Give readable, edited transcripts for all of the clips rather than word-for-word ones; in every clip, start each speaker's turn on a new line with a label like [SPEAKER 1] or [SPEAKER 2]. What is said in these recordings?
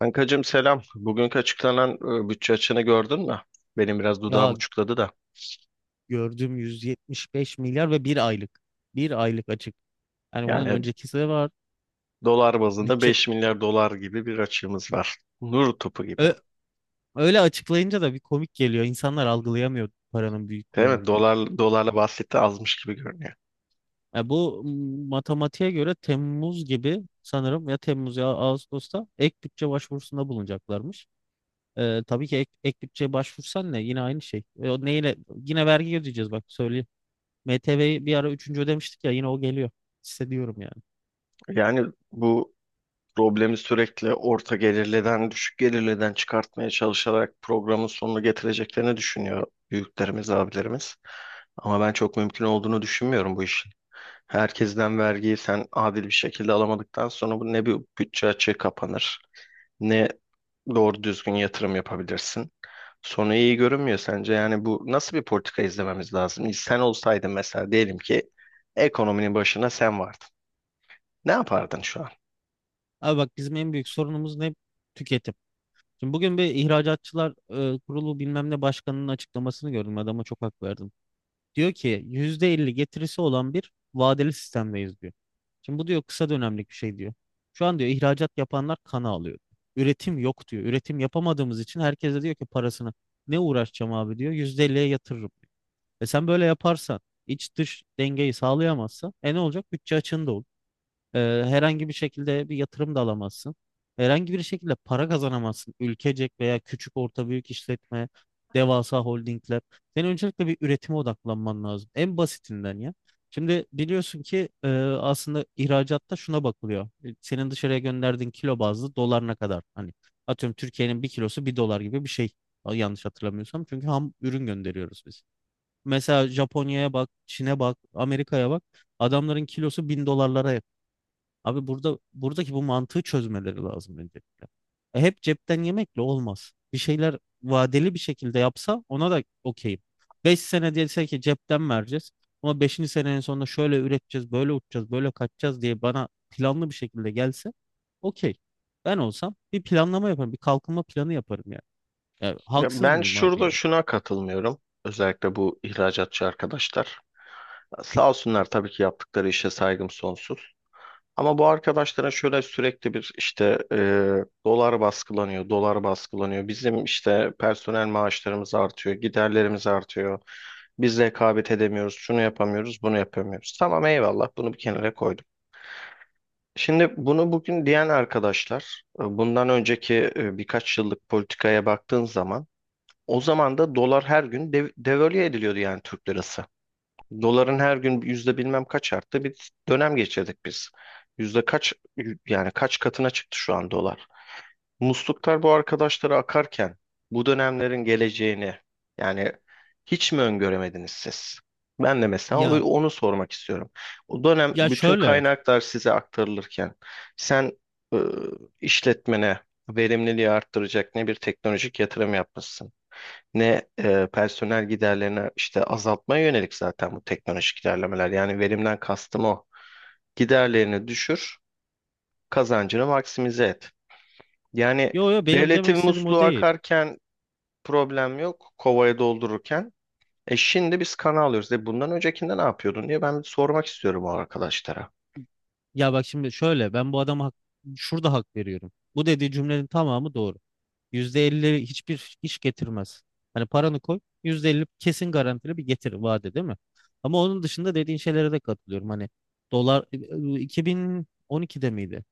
[SPEAKER 1] Kankacığım selam. Bugünkü açıklanan bütçe açığını gördün mü? Benim biraz dudağım
[SPEAKER 2] Ya
[SPEAKER 1] uçukladı da.
[SPEAKER 2] gördüm 175 milyar ve bir aylık. Bir aylık açık. Yani bunun
[SPEAKER 1] Yani
[SPEAKER 2] öncekisi de var.
[SPEAKER 1] dolar bazında
[SPEAKER 2] Bütçe
[SPEAKER 1] 5 milyar dolar gibi bir açığımız var. Nur topu gibi.
[SPEAKER 2] Ö- Öyle açıklayınca da bir komik geliyor. İnsanlar algılayamıyor paranın
[SPEAKER 1] Değil
[SPEAKER 2] büyüklüğünü.
[SPEAKER 1] mi? Dolarla bahsetti azmış gibi görünüyor.
[SPEAKER 2] Ya bu matematiğe göre Temmuz gibi sanırım, ya Temmuz ya Ağustos'ta ek bütçe başvurusunda bulunacaklarmış. Tabii ki ek bütçe başvursan ne? Yine aynı şey. O neyle? Yine vergi ödeyeceğiz, bak söyleyeyim. MTV'yi bir ara üçüncü ödemiştik ya, yine o geliyor. Hissediyorum yani.
[SPEAKER 1] Yani bu problemi sürekli orta gelirliden, düşük gelirliden çıkartmaya çalışarak programın sonunu getireceklerini düşünüyor büyüklerimiz, abilerimiz. Ama ben çok mümkün olduğunu düşünmüyorum bu işin. Herkesten vergiyi sen adil bir şekilde alamadıktan sonra bu ne bir bütçe açığı kapanır, ne doğru düzgün yatırım yapabilirsin. Sonu iyi görünmüyor sence. Yani bu nasıl bir politika izlememiz lazım? Sen olsaydın mesela diyelim ki ekonominin başına sen vardın. Ne yapardın şu an?
[SPEAKER 2] Abi bak, bizim en büyük sorunumuz ne? Tüketim. Şimdi bugün bir ihracatçılar kurulu bilmem ne başkanının açıklamasını gördüm. Adama çok hak verdim. Diyor ki %50 getirisi olan bir vadeli sistemdeyiz, diyor. Şimdi bu, diyor, kısa dönemlik bir şey, diyor. Şu an, diyor, ihracat yapanlar kana alıyor. Üretim yok, diyor. Üretim yapamadığımız için herkes de diyor ki parasını ne uğraşacağım abi, diyor. %50'ye yatırırım, diyor. E sen böyle yaparsan, iç dış dengeyi sağlayamazsan ne olacak? Bütçe açığında olur. Ee, Herhangi bir şekilde bir yatırım da alamazsın. Herhangi bir şekilde para kazanamazsın. Ülkecek veya küçük, orta, büyük işletme, devasa holdingler. Senin öncelikle bir üretime odaklanman lazım. En basitinden ya. Şimdi biliyorsun ki aslında ihracatta şuna bakılıyor. Senin dışarıya gönderdiğin kilo bazlı dolar ne kadar? Hani, atıyorum, Türkiye'nin bir kilosu bir dolar gibi bir şey. Yanlış hatırlamıyorsam. Çünkü ham ürün gönderiyoruz biz. Mesela Japonya'ya bak, Çin'e bak, Amerika'ya bak. Adamların kilosu 1.000 dolarlara. Abi burada, buradaki bu mantığı çözmeleri lazım öncelikle. Hep cepten yemekle olmaz. Bir şeyler vadeli bir şekilde yapsa ona da okeyim. 5 sene dese ki cepten vereceğiz. Ama beşinci senenin sonunda şöyle üreteceğiz, böyle uçacağız, böyle kaçacağız diye bana planlı bir şekilde gelse, okey. Ben olsam bir planlama yaparım, bir kalkınma planı yaparım yani. Ya,
[SPEAKER 1] Ya
[SPEAKER 2] haksız
[SPEAKER 1] ben
[SPEAKER 2] mıyım abi
[SPEAKER 1] şurada
[SPEAKER 2] yani?
[SPEAKER 1] şuna katılmıyorum. Özellikle bu ihracatçı arkadaşlar. Sağ olsunlar tabii ki yaptıkları işe saygım sonsuz. Ama bu arkadaşlara şöyle sürekli bir işte dolar baskılanıyor, dolar baskılanıyor. Bizim işte personel maaşlarımız artıyor, giderlerimiz artıyor. Biz rekabet edemiyoruz, şunu yapamıyoruz, bunu yapamıyoruz. Tamam eyvallah bunu bir kenara koydum. Şimdi bunu bugün diyen arkadaşlar, bundan önceki birkaç yıllık politikaya baktığın zaman o zaman da dolar her gün devalüe ediliyordu yani Türk lirası. Doların her gün yüzde bilmem kaç arttı bir dönem geçirdik biz. Yüzde kaç yani kaç katına çıktı şu an dolar. Musluklar bu arkadaşlara akarken bu dönemlerin geleceğini yani hiç mi öngöremediniz siz? Ben de mesela
[SPEAKER 2] Ya
[SPEAKER 1] onu sormak istiyorum. O dönem
[SPEAKER 2] ya
[SPEAKER 1] bütün
[SPEAKER 2] şöyle.
[SPEAKER 1] kaynaklar size aktarılırken sen e, işletmene verimliliği arttıracak ne bir teknolojik yatırım yapmışsın ne personel giderlerini işte azaltmaya yönelik zaten bu teknolojik ilerlemeler. Yani verimden kastım o. Giderlerini düşür, kazancını maksimize et. Yani
[SPEAKER 2] Yo yo, benim demek
[SPEAKER 1] devletin
[SPEAKER 2] istediğim o
[SPEAKER 1] musluğu
[SPEAKER 2] değil.
[SPEAKER 1] akarken problem yok, kovaya doldururken. Şimdi biz kana alıyoruz. Bundan öncekinde ne yapıyordun diye ben bir sormak istiyorum o arkadaşlara.
[SPEAKER 2] Ya bak şimdi şöyle, ben bu adama şurada hak veriyorum. Bu dediği cümlenin tamamı doğru. %50 hiçbir iş getirmez. Hani paranı koy, %50 kesin garantili bir getir vaadi, değil mi? Ama onun dışında dediğin şeylere de katılıyorum. Hani dolar, 2012'de miydi?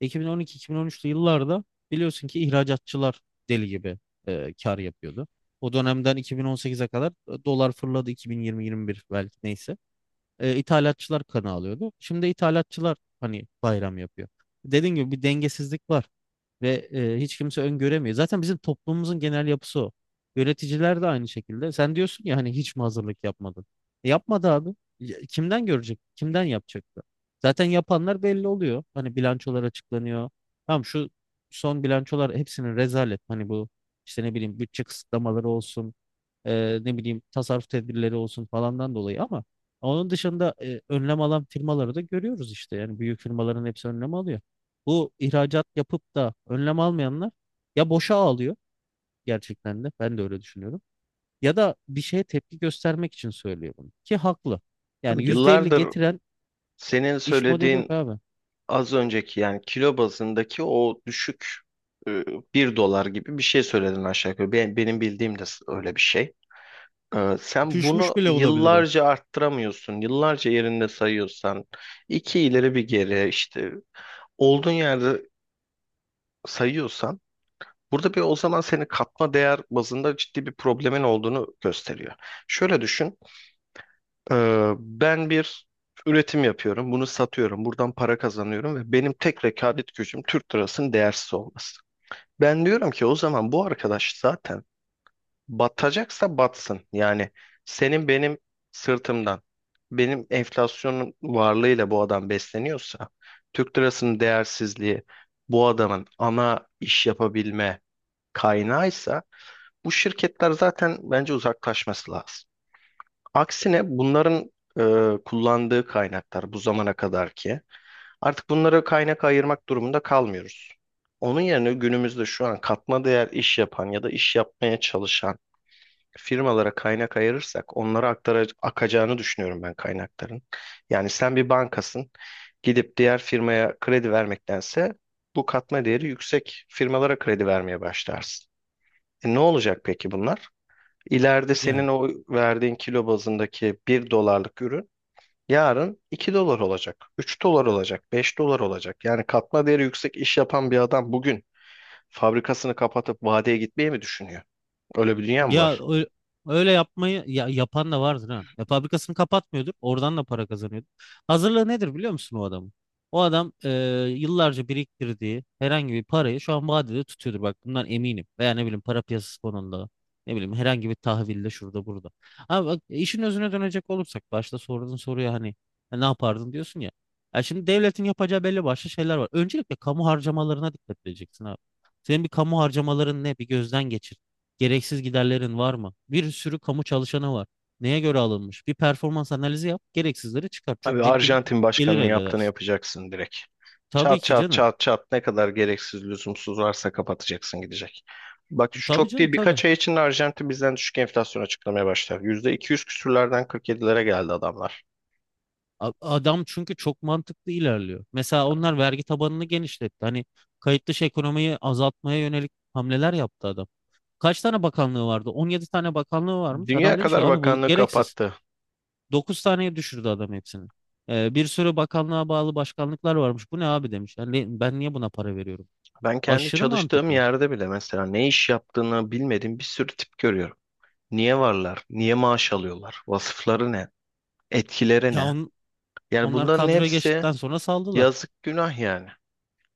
[SPEAKER 2] 2012-2013'lü yıllarda biliyorsun ki ihracatçılar deli gibi kar yapıyordu. O dönemden 2018'e kadar dolar fırladı, 2020-21 belki, neyse, ithalatçılar kanı alıyordu. Şimdi ithalatçılar hani bayram yapıyor. Dediğim gibi bir dengesizlik var ve hiç kimse öngöremiyor. Zaten bizim toplumumuzun genel yapısı o. Yöneticiler de aynı şekilde. Sen diyorsun ya, hani hiç mi hazırlık yapmadın? E, yapmadı abi. Ya, kimden görecek? Kimden yapacaktı? Zaten yapanlar belli oluyor. Hani bilançolar açıklanıyor. Tamam, şu son bilançolar hepsinin rezalet. Hani bu işte, ne bileyim, bütçe kısıtlamaları olsun, ne bileyim, tasarruf tedbirleri olsun falandan dolayı, ama onun dışında önlem alan firmaları da görüyoruz işte. Yani büyük firmaların hepsi önlem alıyor. Bu ihracat yapıp da önlem almayanlar ya boşa ağlıyor, gerçekten de ben de öyle düşünüyorum. Ya da bir şeye tepki göstermek için söylüyor bunu ki haklı. Yani
[SPEAKER 1] Abi
[SPEAKER 2] %50
[SPEAKER 1] yıllardır
[SPEAKER 2] getiren
[SPEAKER 1] senin
[SPEAKER 2] iş modeli
[SPEAKER 1] söylediğin
[SPEAKER 2] yok abi.
[SPEAKER 1] az önceki yani kilo bazındaki o düşük e, 1 dolar gibi bir şey söyledin aşağı yukarı. Benim bildiğim de öyle bir şey. Sen bunu
[SPEAKER 2] Düşmüş bile olabilir o.
[SPEAKER 1] yıllarca arttıramıyorsun. Yıllarca yerinde sayıyorsan, iki ileri bir geri işte olduğun yerde sayıyorsan, burada bir o zaman senin katma değer bazında ciddi bir problemin olduğunu gösteriyor. Şöyle düşün, ben bir üretim yapıyorum, bunu satıyorum, buradan para kazanıyorum ve benim tek rekabet gücüm Türk lirasının değersiz olması. Ben diyorum ki o zaman bu arkadaş zaten batacaksa batsın. Yani senin benim sırtımdan, benim enflasyonun varlığıyla bu adam besleniyorsa, Türk lirasının değersizliği bu adamın ana iş yapabilme kaynağıysa, bu şirketler zaten bence uzaklaşması lazım. Aksine bunların kullandığı kaynaklar bu zamana kadar ki artık bunlara kaynak ayırmak durumunda kalmıyoruz. Onun yerine günümüzde şu an katma değer iş yapan ya da iş yapmaya çalışan firmalara kaynak ayırırsak onlara akacağını düşünüyorum ben kaynakların. Yani sen bir bankasın gidip diğer firmaya kredi vermektense bu katma değeri yüksek firmalara kredi vermeye başlarsın. E ne olacak peki bunlar? İleride
[SPEAKER 2] Yani.
[SPEAKER 1] senin o verdiğin kilo bazındaki 1 dolarlık ürün yarın 2 dolar olacak, 3 dolar olacak, 5 dolar olacak. Yani katma değeri yüksek iş yapan bir adam bugün fabrikasını kapatıp vadeye gitmeyi mi düşünüyor? Öyle bir dünya mı
[SPEAKER 2] Ya
[SPEAKER 1] var?
[SPEAKER 2] öyle yapmayı, ya, yapan da vardır ha. Ya fabrikasını kapatmıyordur, oradan da para kazanıyordur. Hazırlığı nedir biliyor musun o adamın? O adam, yıllarca biriktirdiği herhangi bir parayı şu an vadede tutuyordur. Bak, bundan eminim. Veya ne bileyim, para piyasası konunda. Ne bileyim, herhangi bir tahvilde, şurada burada. Ama bak, işin özüne dönecek olursak, başta sorduğun soruya hani "E, ne yapardın?" diyorsun ya. Ya şimdi devletin yapacağı belli başlı şeyler var. Öncelikle kamu harcamalarına dikkat edeceksin abi. Senin bir kamu harcamaların ne? Bir gözden geçir. Gereksiz giderlerin var mı? Bir sürü kamu çalışanı var. Neye göre alınmış? Bir performans analizi yap, gereksizleri çıkar. Çok
[SPEAKER 1] Abi
[SPEAKER 2] ciddi bir
[SPEAKER 1] Arjantin
[SPEAKER 2] gelir
[SPEAKER 1] başkanının
[SPEAKER 2] elde
[SPEAKER 1] yaptığını
[SPEAKER 2] edersin.
[SPEAKER 1] yapacaksın direkt.
[SPEAKER 2] Tabii
[SPEAKER 1] Çat
[SPEAKER 2] ki
[SPEAKER 1] çat
[SPEAKER 2] canım.
[SPEAKER 1] çat çat ne kadar gereksiz lüzumsuz varsa kapatacaksın gidecek. Bak
[SPEAKER 2] E,
[SPEAKER 1] şu
[SPEAKER 2] tabii
[SPEAKER 1] çok
[SPEAKER 2] canım,
[SPEAKER 1] değil
[SPEAKER 2] tabii.
[SPEAKER 1] birkaç ay içinde Arjantin bizden düşük enflasyon açıklamaya başlar. %200 küsürlerden 47'lere geldi adamlar.
[SPEAKER 2] Adam çünkü çok mantıklı ilerliyor. Mesela onlar vergi tabanını genişletti. Hani kayıt dışı ekonomiyi azaltmaya yönelik hamleler yaptı adam. Kaç tane bakanlığı vardı? 17 tane bakanlığı varmış.
[SPEAKER 1] Dünya
[SPEAKER 2] Adam demiş ki
[SPEAKER 1] kadar
[SPEAKER 2] abi bu
[SPEAKER 1] bakanlığı
[SPEAKER 2] gereksiz.
[SPEAKER 1] kapattı.
[SPEAKER 2] 9 taneye düşürdü adam hepsini. Bir sürü bakanlığa bağlı başkanlıklar varmış. Bu ne abi, demiş. Yani ben niye buna para veriyorum?
[SPEAKER 1] Ben kendi
[SPEAKER 2] Aşırı
[SPEAKER 1] çalıştığım
[SPEAKER 2] mantıklı.
[SPEAKER 1] yerde bile mesela ne iş yaptığını bilmediğim bir sürü tip görüyorum. Niye varlar? Niye maaş alıyorlar? Vasıfları ne? Etkileri
[SPEAKER 2] Ya
[SPEAKER 1] ne? Yani
[SPEAKER 2] onlar
[SPEAKER 1] bunların
[SPEAKER 2] kadroya
[SPEAKER 1] hepsi
[SPEAKER 2] geçtikten sonra saldılar.
[SPEAKER 1] yazık günah yani.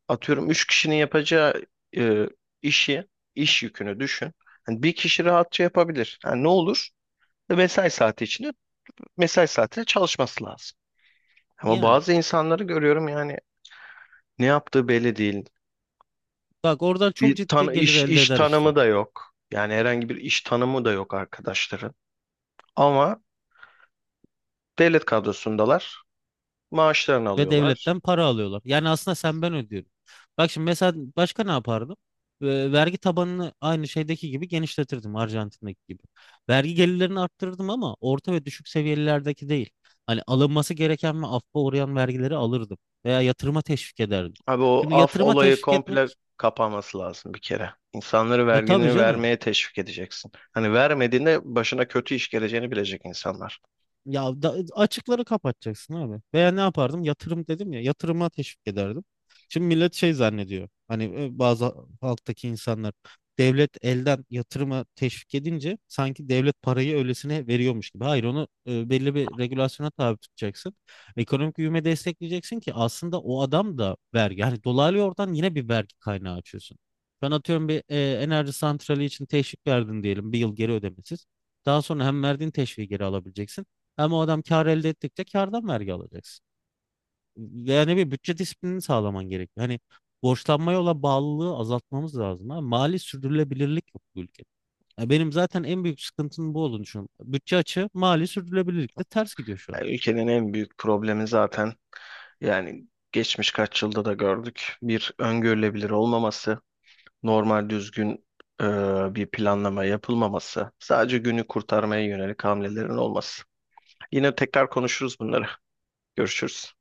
[SPEAKER 1] Atıyorum 3 kişinin yapacağı e, işi, iş yükünü düşün. Hani bir kişi rahatça yapabilir. Yani ne olur? Mesai saati içinde mesai saatinde çalışması lazım. Ama
[SPEAKER 2] Yani
[SPEAKER 1] bazı insanları görüyorum yani ne yaptığı belli değil.
[SPEAKER 2] bak, oradan çok
[SPEAKER 1] Bir tan
[SPEAKER 2] ciddi gelir
[SPEAKER 1] iş
[SPEAKER 2] elde
[SPEAKER 1] iş
[SPEAKER 2] eder işte.
[SPEAKER 1] tanımı da yok. Yani herhangi bir iş tanımı da yok arkadaşların. Ama devlet kadrosundalar. Maaşlarını
[SPEAKER 2] Ve
[SPEAKER 1] alıyorlar.
[SPEAKER 2] devletten para alıyorlar. Yani aslında sen, ben ödüyorum. Bak şimdi mesela, başka ne yapardım? Vergi tabanını aynı şeydeki gibi genişletirdim, Arjantin'deki gibi. Vergi gelirlerini arttırırdım, ama orta ve düşük seviyelerdeki değil. Hani alınması gereken ve affa uğrayan vergileri alırdım. Veya yatırıma teşvik ederdim.
[SPEAKER 1] Abi o
[SPEAKER 2] Şimdi
[SPEAKER 1] af
[SPEAKER 2] yatırıma
[SPEAKER 1] olayı
[SPEAKER 2] teşvik
[SPEAKER 1] komple
[SPEAKER 2] etmek,
[SPEAKER 1] kapanması lazım bir kere. İnsanları
[SPEAKER 2] tabii
[SPEAKER 1] vergini
[SPEAKER 2] canım.
[SPEAKER 1] vermeye teşvik edeceksin. Hani vermediğinde başına kötü iş geleceğini bilecek insanlar.
[SPEAKER 2] Ya da açıkları kapatacaksın abi. Veya ne yapardım? Yatırım dedim ya. Yatırıma teşvik ederdim. Şimdi millet şey zannediyor. Hani, bazı halktaki insanlar, devlet elden yatırıma teşvik edince sanki devlet parayı öylesine veriyormuş gibi. Hayır, onu belli bir regülasyona tabi tutacaksın. Ekonomik büyüme destekleyeceksin ki aslında o adam da vergi. Yani dolaylı yoldan yine bir vergi kaynağı açıyorsun. Ben atıyorum, bir enerji santrali için teşvik verdin diyelim, bir yıl geri ödemesiz. Daha sonra hem verdiğin teşviği geri alabileceksin. Ama o adam kar elde ettikçe kardan vergi alacaksın. Yani bir bütçe disiplini sağlaman gerekiyor. Hani borçlanmaya olan bağlılığı azaltmamız lazım abi. Mali sürdürülebilirlik yok bu ülkede. Ya benim zaten en büyük sıkıntının bu olduğunu düşünüyorum. Bütçe açığı mali sürdürülebilirlikle ters gidiyor şu an.
[SPEAKER 1] Yani ülkenin en büyük problemi zaten yani geçmiş kaç yılda da gördük. Bir öngörülebilir olmaması, normal düzgün e, bir planlama yapılmaması, sadece günü kurtarmaya yönelik hamlelerin olması. Yine tekrar konuşuruz bunları. Görüşürüz.